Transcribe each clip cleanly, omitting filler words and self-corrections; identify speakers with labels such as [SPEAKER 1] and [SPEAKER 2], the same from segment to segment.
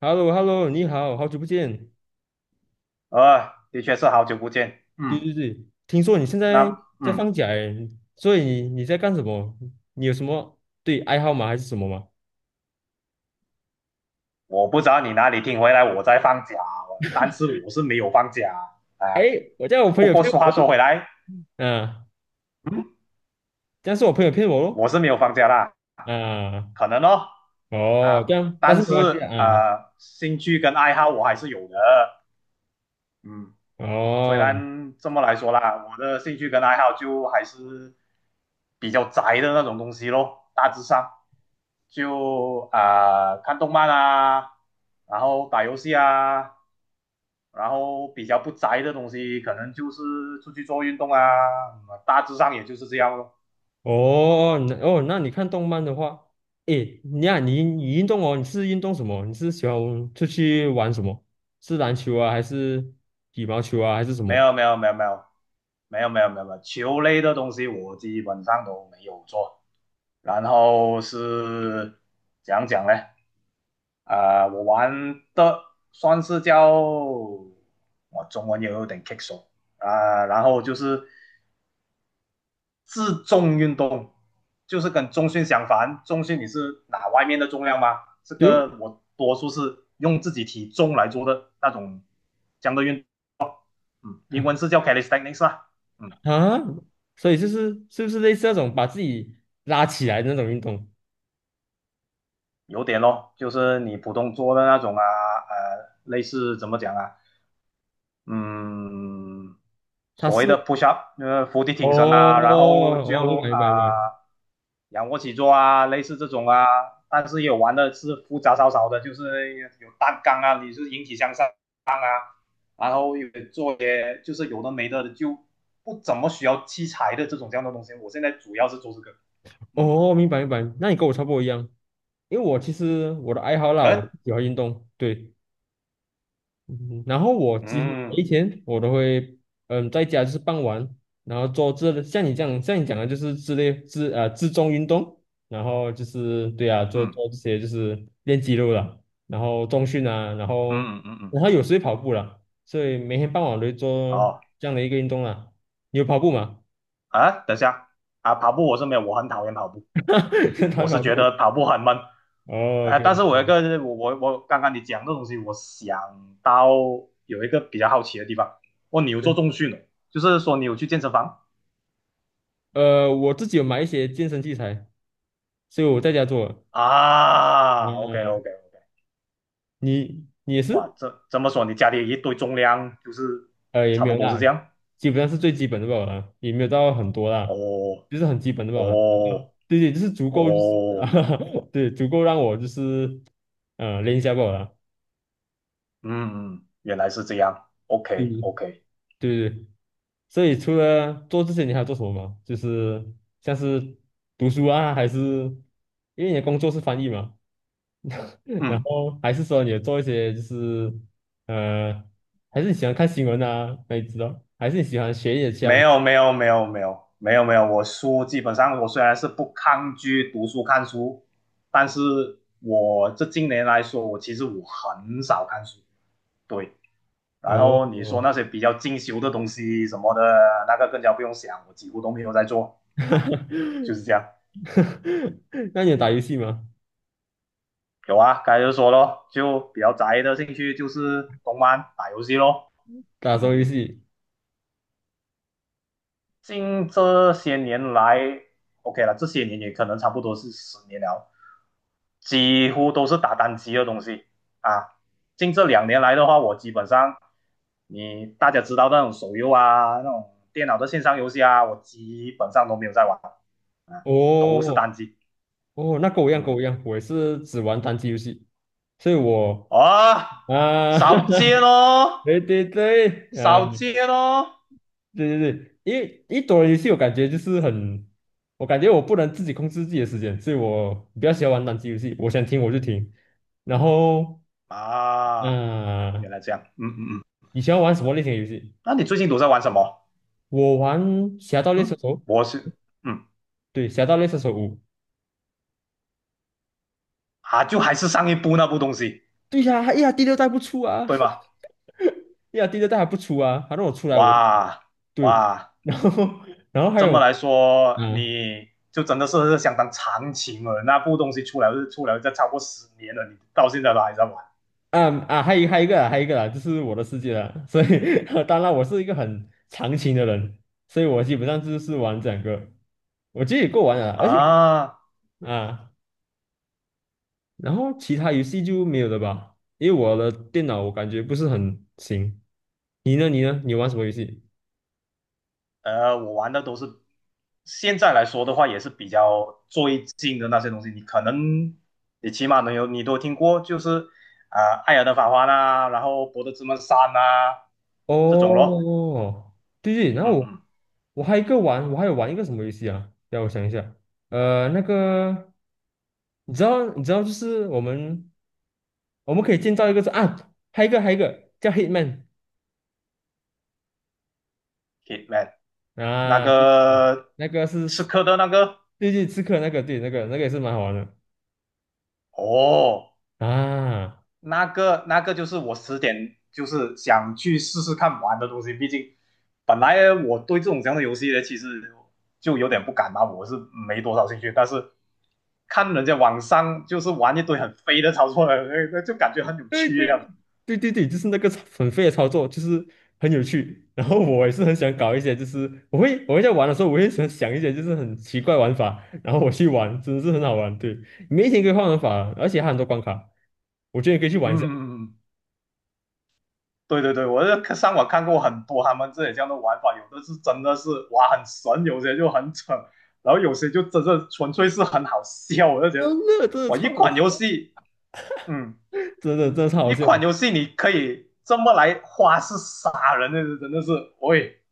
[SPEAKER 1] h e l l o h e l l o 你好，好久不见。
[SPEAKER 2] 的确是好久不见。
[SPEAKER 1] 对
[SPEAKER 2] 嗯，
[SPEAKER 1] 对对，听说你现在
[SPEAKER 2] 那
[SPEAKER 1] 在
[SPEAKER 2] 嗯，
[SPEAKER 1] 放假诶，所以你在干什么？你有什么对爱好吗？还是什么吗？
[SPEAKER 2] 我不知道你哪里听回来我在放假，但是我是没有放假啊。
[SPEAKER 1] 哎，
[SPEAKER 2] 呃
[SPEAKER 1] 我叫我朋
[SPEAKER 2] 不
[SPEAKER 1] 友
[SPEAKER 2] 过
[SPEAKER 1] 骗我
[SPEAKER 2] 话说回来，
[SPEAKER 1] 啊，
[SPEAKER 2] 嗯，
[SPEAKER 1] 这样是我朋友骗我咯，
[SPEAKER 2] 我是没有放假啦，
[SPEAKER 1] 啊，
[SPEAKER 2] 可能哦
[SPEAKER 1] 哦，这
[SPEAKER 2] 啊，
[SPEAKER 1] 样，但
[SPEAKER 2] 但
[SPEAKER 1] 是没
[SPEAKER 2] 是
[SPEAKER 1] 关系啊，啊
[SPEAKER 2] 兴趣跟爱好我还是有的。嗯，虽
[SPEAKER 1] 哦，
[SPEAKER 2] 然这么来说啦，我的兴趣跟爱好就还是比较宅的那种东西咯，大致上就看动漫啊，然后打游戏啊，然后比较不宅的东西可能就是出去做运动啊，嗯大致上也就是这样咯。
[SPEAKER 1] 哦，那哦，那你看动漫的话，诶，你啊，你运动哦，你是运动什么？你是喜欢出去玩什么？是篮球啊，还是羽毛球啊，还是什
[SPEAKER 2] 没
[SPEAKER 1] 么？
[SPEAKER 2] 有没有没有没有没有,球类的东西我基本上都没有做，然后是讲讲呢？我玩的算是叫我中文也有点棘手然后就是自重运动，就是跟中训相反，中训你是拿外面的重量吗？这
[SPEAKER 1] 对哦
[SPEAKER 2] 个我多数是用自己体重来做的那种这样的运动，嗯，英文是叫 calisthenics 啦，嗯，
[SPEAKER 1] 啊，所以就是是不是类似那种把自己拉起来的那种运动？
[SPEAKER 2] 有点咯，就是你普通做的那种啊，类似怎么讲啊，嗯，
[SPEAKER 1] 它
[SPEAKER 2] 所谓
[SPEAKER 1] 是
[SPEAKER 2] 的 push up，伏地
[SPEAKER 1] 哦
[SPEAKER 2] 挺身啊，然后
[SPEAKER 1] 哦，明
[SPEAKER 2] 就
[SPEAKER 1] 白明白明白，
[SPEAKER 2] 仰卧起坐啊，类似这种啊，但是也有玩的是复杂少少的，就是有单杠啊，你是引体向上啊，然后有做些就是有的没的，就不怎么需要器材的这种这样的东西。我现在主要是做这个，嗯，
[SPEAKER 1] 哦明白明白，那你跟我差不多一样，因为我其实的爱好啦，我
[SPEAKER 2] 嗯
[SPEAKER 1] 喜欢运动，对，嗯然后我几乎
[SPEAKER 2] 嗯
[SPEAKER 1] 每一天我都会，嗯，在家就是傍晚，然后做这像你这样像你讲的，就是之类自重运动，然后就是对啊，做
[SPEAKER 2] 嗯
[SPEAKER 1] 做这些就是练肌肉了，然后重训啊，然后
[SPEAKER 2] 嗯嗯嗯嗯，
[SPEAKER 1] 然后有时会跑步了，所以每天傍晚我都会做
[SPEAKER 2] 哦
[SPEAKER 1] 这样的一个运动啦。你有跑步吗？
[SPEAKER 2] 啊，等一下啊，跑步我是没有，我很讨厌跑步，
[SPEAKER 1] 他
[SPEAKER 2] 我是
[SPEAKER 1] 跑
[SPEAKER 2] 觉
[SPEAKER 1] 步。
[SPEAKER 2] 得跑步很闷。
[SPEAKER 1] 哦，OK，
[SPEAKER 2] 但是我有一个我刚刚你讲这东西，我想到有一个比较好奇的地方，哦，你有做
[SPEAKER 1] 对，
[SPEAKER 2] 重训哦，就是说你有去健身房
[SPEAKER 1] 我自己有买一些健身器材，所以我在家做。
[SPEAKER 2] 啊？OK
[SPEAKER 1] 嗯，
[SPEAKER 2] OK OK，
[SPEAKER 1] 你也
[SPEAKER 2] 哇，
[SPEAKER 1] 是？
[SPEAKER 2] 这这么说你家里一堆重量，就是
[SPEAKER 1] 呃，也
[SPEAKER 2] 差
[SPEAKER 1] 没
[SPEAKER 2] 不
[SPEAKER 1] 有
[SPEAKER 2] 多是这
[SPEAKER 1] 啦，
[SPEAKER 2] 样？
[SPEAKER 1] 基本上是最基本的吧啦，也没有到很多啦，就
[SPEAKER 2] 哦
[SPEAKER 1] 是很基本的吧啦。
[SPEAKER 2] 哦
[SPEAKER 1] 对对，就是足够，就是啊
[SPEAKER 2] 哦，
[SPEAKER 1] 对，足够让我就是练一下吧啦。
[SPEAKER 2] 嗯原来是这样，OK
[SPEAKER 1] 嗯
[SPEAKER 2] OK，
[SPEAKER 1] 对对对，所以除了做这些，你还要做什么吗？就是像是读书啊，还是因为你的工作是翻译嘛，然
[SPEAKER 2] 嗯。
[SPEAKER 1] 后还是说你有做一些就是呃，还是你喜欢看新闻啊，那你知道，还是你喜欢学一点
[SPEAKER 2] 没
[SPEAKER 1] 像
[SPEAKER 2] 有没有没有没有没有没有，我书基本上我虽然是不抗拒读书看书，但是我这近年来说，我其实我很少看书，对。然后你说
[SPEAKER 1] 哦，
[SPEAKER 2] 那些比较进修的东西什么的，那个更加不用想，我几乎都没有在做啊，就是这样。
[SPEAKER 1] 那你有打游戏吗？
[SPEAKER 2] 有啊，刚才就说咯，就比较宅的兴趣就是动漫、打游戏咯，
[SPEAKER 1] 打手
[SPEAKER 2] 嗯。
[SPEAKER 1] 游戏，
[SPEAKER 2] 近这些年来，OK 了，这些年也可能差不多是十年了，几乎都是打单机的东西啊。近这两年来的话，我基本上你大家知道那种手游啊，那种电脑的线上游戏啊，我基本上都没有在玩啊，都是
[SPEAKER 1] 哦
[SPEAKER 2] 单机。
[SPEAKER 1] 哦，那跟我一样，跟我
[SPEAKER 2] 嗯，
[SPEAKER 1] 一样，我也是只玩单机游戏，所以我
[SPEAKER 2] 啊，
[SPEAKER 1] 啊，
[SPEAKER 2] 少见 哦，
[SPEAKER 1] 对对对，啊，
[SPEAKER 2] 少见哦，
[SPEAKER 1] 对对对，因为一多人游戏，我感觉就是很，我感觉我不能自己控制自己的时间，所以我比较喜欢玩单机游戏，我想听我就听，然后
[SPEAKER 2] 啊，
[SPEAKER 1] 啊，
[SPEAKER 2] 原来这样，嗯嗯，嗯
[SPEAKER 1] 你喜欢玩什么类型的游戏？
[SPEAKER 2] 那你最近都在玩什么？
[SPEAKER 1] 我玩《侠盗猎车
[SPEAKER 2] 嗯，
[SPEAKER 1] 手》，
[SPEAKER 2] 我是，嗯。
[SPEAKER 1] 对，《侠盗猎车手五》，
[SPEAKER 2] 啊，就还是上一部那部东西，
[SPEAKER 1] 对呀、哎呀，第六代不出啊，
[SPEAKER 2] 对 吗？
[SPEAKER 1] 哎呀，第六代还不出啊，反正我出来我。
[SPEAKER 2] 哇
[SPEAKER 1] 对，
[SPEAKER 2] 哇，
[SPEAKER 1] 然后 然后还
[SPEAKER 2] 这
[SPEAKER 1] 有
[SPEAKER 2] 么来说，
[SPEAKER 1] 啊
[SPEAKER 2] 你就真的是相当长情了。那部东西出来是出来这超过十年了，你到现在都还在玩
[SPEAKER 1] 啊啊，还有一个啊，就是我的世界啊，所以 当然我是一个很长情的人，所以我基本上就是玩这两个，我觉得也够玩了，而且
[SPEAKER 2] 啊？
[SPEAKER 1] 啊，然后其他游戏就没有了吧，因为我的电脑我感觉不是很行。你呢？你玩什么游戏？
[SPEAKER 2] 我玩的都是现在来说的话，也是比较最近的那些东西，你可能你起码能有你都听过，就是艾尔登法环》啊，然后《博德之门三》啊这种咯。
[SPEAKER 1] 哦，对对，
[SPEAKER 2] 嗯嗯
[SPEAKER 1] 我还有一个玩，我还有玩一个什么游戏啊？让我想一下，呃，那个。你知道，就是我们可以建造一个是啊，还有一个叫 Hitman
[SPEAKER 2] 可以。t 那
[SPEAKER 1] 啊，对对，
[SPEAKER 2] 个
[SPEAKER 1] 那个
[SPEAKER 2] 刺
[SPEAKER 1] 是
[SPEAKER 2] 客的那个，
[SPEAKER 1] 对对刺客那个，对那个也是蛮好玩的
[SPEAKER 2] 哦，
[SPEAKER 1] 啊，
[SPEAKER 2] 那个那个就是我十点就是想去试试看玩的东西，毕竟本来我对这种这样的游戏呢，其实就有点不敢嘛，我是没多少兴趣，但是看人家网上就是玩一堆很飞的操作，那就感觉很有
[SPEAKER 1] 对
[SPEAKER 2] 趣
[SPEAKER 1] 对
[SPEAKER 2] 一样。
[SPEAKER 1] 对对对，就是那个很废的操作，就是很有趣。然后我也是很想搞一些，就是我会在玩的时候，我会想一些就是很奇怪玩法，然后我去玩，真的是很好玩。对，每一天可以换玩法，而且还有很多关卡，我觉得你可以去
[SPEAKER 2] 嗯
[SPEAKER 1] 玩一下。
[SPEAKER 2] 嗯嗯，嗯对对对，我就上网看过很多他们这里这样的玩法，有的是真的是哇很神，有些就很蠢，然后有些就真的纯粹是很好笑。我就觉得，
[SPEAKER 1] 真的真的
[SPEAKER 2] 哇，
[SPEAKER 1] 超
[SPEAKER 2] 一
[SPEAKER 1] 好
[SPEAKER 2] 款
[SPEAKER 1] 笑，
[SPEAKER 2] 游戏，嗯，
[SPEAKER 1] 真的真的超好
[SPEAKER 2] 一
[SPEAKER 1] 笑。
[SPEAKER 2] 款游戏你可以这么来花式杀人的，那是真的是，喂，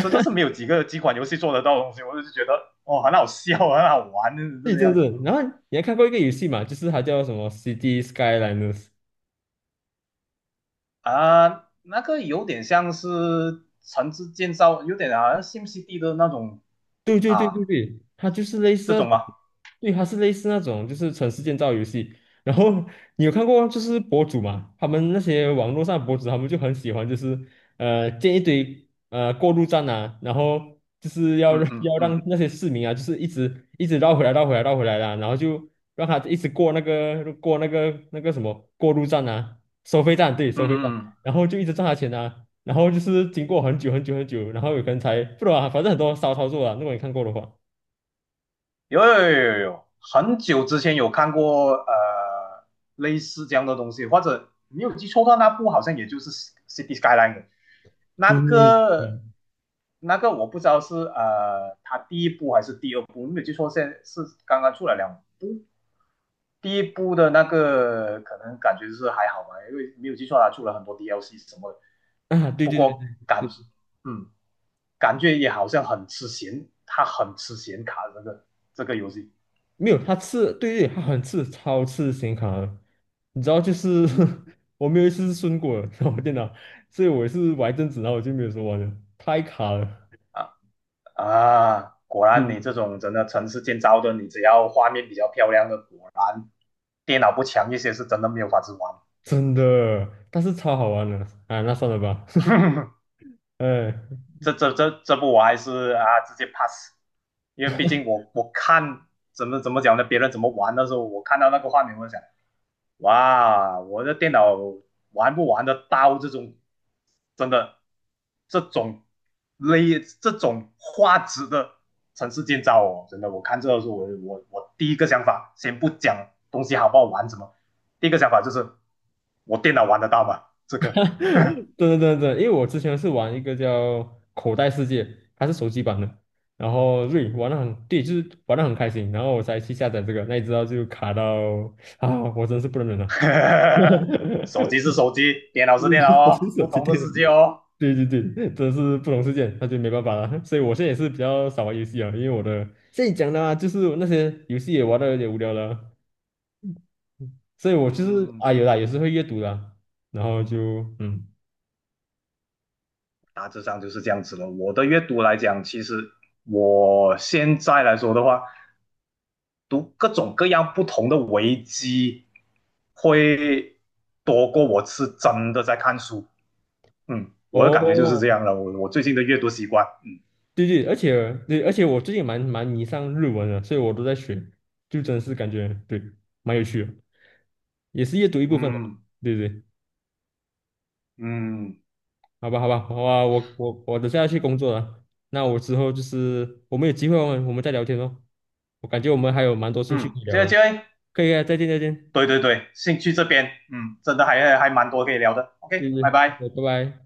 [SPEAKER 2] 真的是没有几款游戏做得到的东西。我就觉得，哦，很好笑，很好玩，就是这
[SPEAKER 1] 对
[SPEAKER 2] 个
[SPEAKER 1] 对
[SPEAKER 2] 样子。嗯
[SPEAKER 1] 对，然后你还看过一个游戏嘛，就是它叫什么《City Skylines r》。
[SPEAKER 2] 啊，那个有点像是城市建造，有点好像 SimCity 的那种
[SPEAKER 1] 对对对
[SPEAKER 2] 啊
[SPEAKER 1] 对对，它就是类似
[SPEAKER 2] 这
[SPEAKER 1] 那
[SPEAKER 2] 种
[SPEAKER 1] 种，
[SPEAKER 2] 吗？
[SPEAKER 1] 对，它是类似那种就是城市建造游戏。然后你有看过就是博主嘛，他们那些网络上的博主，他们就很喜欢就是建一堆过路站啊，然后就是要
[SPEAKER 2] 嗯
[SPEAKER 1] 让
[SPEAKER 2] 嗯
[SPEAKER 1] 要让
[SPEAKER 2] 嗯
[SPEAKER 1] 那些市民啊，就是一直绕回来绕回来绕回来的，然后就让他一直过那个什么过路站啊，收费站，对，
[SPEAKER 2] 嗯
[SPEAKER 1] 收费站。
[SPEAKER 2] 嗯，
[SPEAKER 1] 然后就一直赚他钱啊。然后就是经过很久很久很久，然后有可能才不知道啊，反正很多骚操作啊。如果你看过的话，
[SPEAKER 2] 有，很久之前有看过类似这样的东西，或者你有记错的话那部好像也就是 City Skyline 的那
[SPEAKER 1] 对，
[SPEAKER 2] 个。
[SPEAKER 1] 嗯
[SPEAKER 2] 那个我不知道是它第一部还是第二部，没有记错，现在是刚刚出了两。第一部的那个可能感觉是还好吧，因为没有记错啊，出了很多 DLC 什么的
[SPEAKER 1] 啊，对
[SPEAKER 2] 不
[SPEAKER 1] 对对
[SPEAKER 2] 过
[SPEAKER 1] 对
[SPEAKER 2] 感，
[SPEAKER 1] 对，
[SPEAKER 2] 嗯，感觉也好像很吃显，它很吃显卡这个这个游戏
[SPEAKER 1] 没有，对对，他很刺，超刺显卡的。你知道，就是 我没有一次是顺过的，然后我电脑，所以我也是玩一阵子，然后我就没有说玩了，太卡了，
[SPEAKER 2] 啊。啊！果
[SPEAKER 1] 对
[SPEAKER 2] 然
[SPEAKER 1] 对
[SPEAKER 2] 你这
[SPEAKER 1] 对
[SPEAKER 2] 种真的城市建造的，你只要画面比较漂亮的，果然电脑不强一些是真的没有法子玩。
[SPEAKER 1] 真的，但是超好玩的啊，那算了吧，哎。
[SPEAKER 2] 这这部我还是啊直接 pass，因为毕竟我我看怎么讲呢，别人怎么玩的时候，我看到那个画面，我就想，哇，我的电脑玩不玩得到这种，真的这种类这种画质的城市建造哦，真的，我看这个时候，我我第一个想法，先不讲东西好不好玩什么，第一个想法就是我电脑玩得到吗？这个。
[SPEAKER 1] 对对对对，因为我之前是玩一个叫《口袋世界》，它是手机版的，然后对玩的很，对，就是玩的很开心，然后我才去下载这个，那你知道就卡到啊，我真是不能忍了。
[SPEAKER 2] 手 机是手机，电脑是电脑
[SPEAKER 1] 我
[SPEAKER 2] 哦，
[SPEAKER 1] 是手
[SPEAKER 2] 不
[SPEAKER 1] 机
[SPEAKER 2] 同的
[SPEAKER 1] 店
[SPEAKER 2] 世界哦。
[SPEAKER 1] 对对对，真是不同世界，那就没办法了。所以我现在也是比较少玩游戏啊，因为我的现在讲的啊，就是那些游戏也玩的有点无聊了，所以我就是
[SPEAKER 2] 嗯
[SPEAKER 1] 啊有啦，也是会阅读的啊然后就嗯，
[SPEAKER 2] 大致上就是这样子了。我的阅读来讲，其实我现在来说的话，读各种各样不同的维基，会多过我是真的在看书。嗯，我的感觉就是这样
[SPEAKER 1] 哦，
[SPEAKER 2] 了。我最近的阅读习惯，
[SPEAKER 1] 对对，而且对，而且我最近蛮迷上日文了，所以我都在学，就真是感觉对，蛮有趣的，也是阅读一部分了
[SPEAKER 2] 嗯
[SPEAKER 1] 对对，
[SPEAKER 2] 嗯，
[SPEAKER 1] 好吧好吧，好吧，我等下要去工作了，那我之后就是我们有机会我们再聊天哦，我感觉我们还有蛮多兴趣
[SPEAKER 2] 嗯，
[SPEAKER 1] 可以
[SPEAKER 2] 这
[SPEAKER 1] 聊
[SPEAKER 2] 个
[SPEAKER 1] 啊，
[SPEAKER 2] 这个，
[SPEAKER 1] 可以啊，再见再见，
[SPEAKER 2] 对对对，兴趣这边，嗯，真的还蛮多可以聊的。
[SPEAKER 1] 对
[SPEAKER 2] OK，
[SPEAKER 1] 对，
[SPEAKER 2] 拜拜。
[SPEAKER 1] 对拜拜。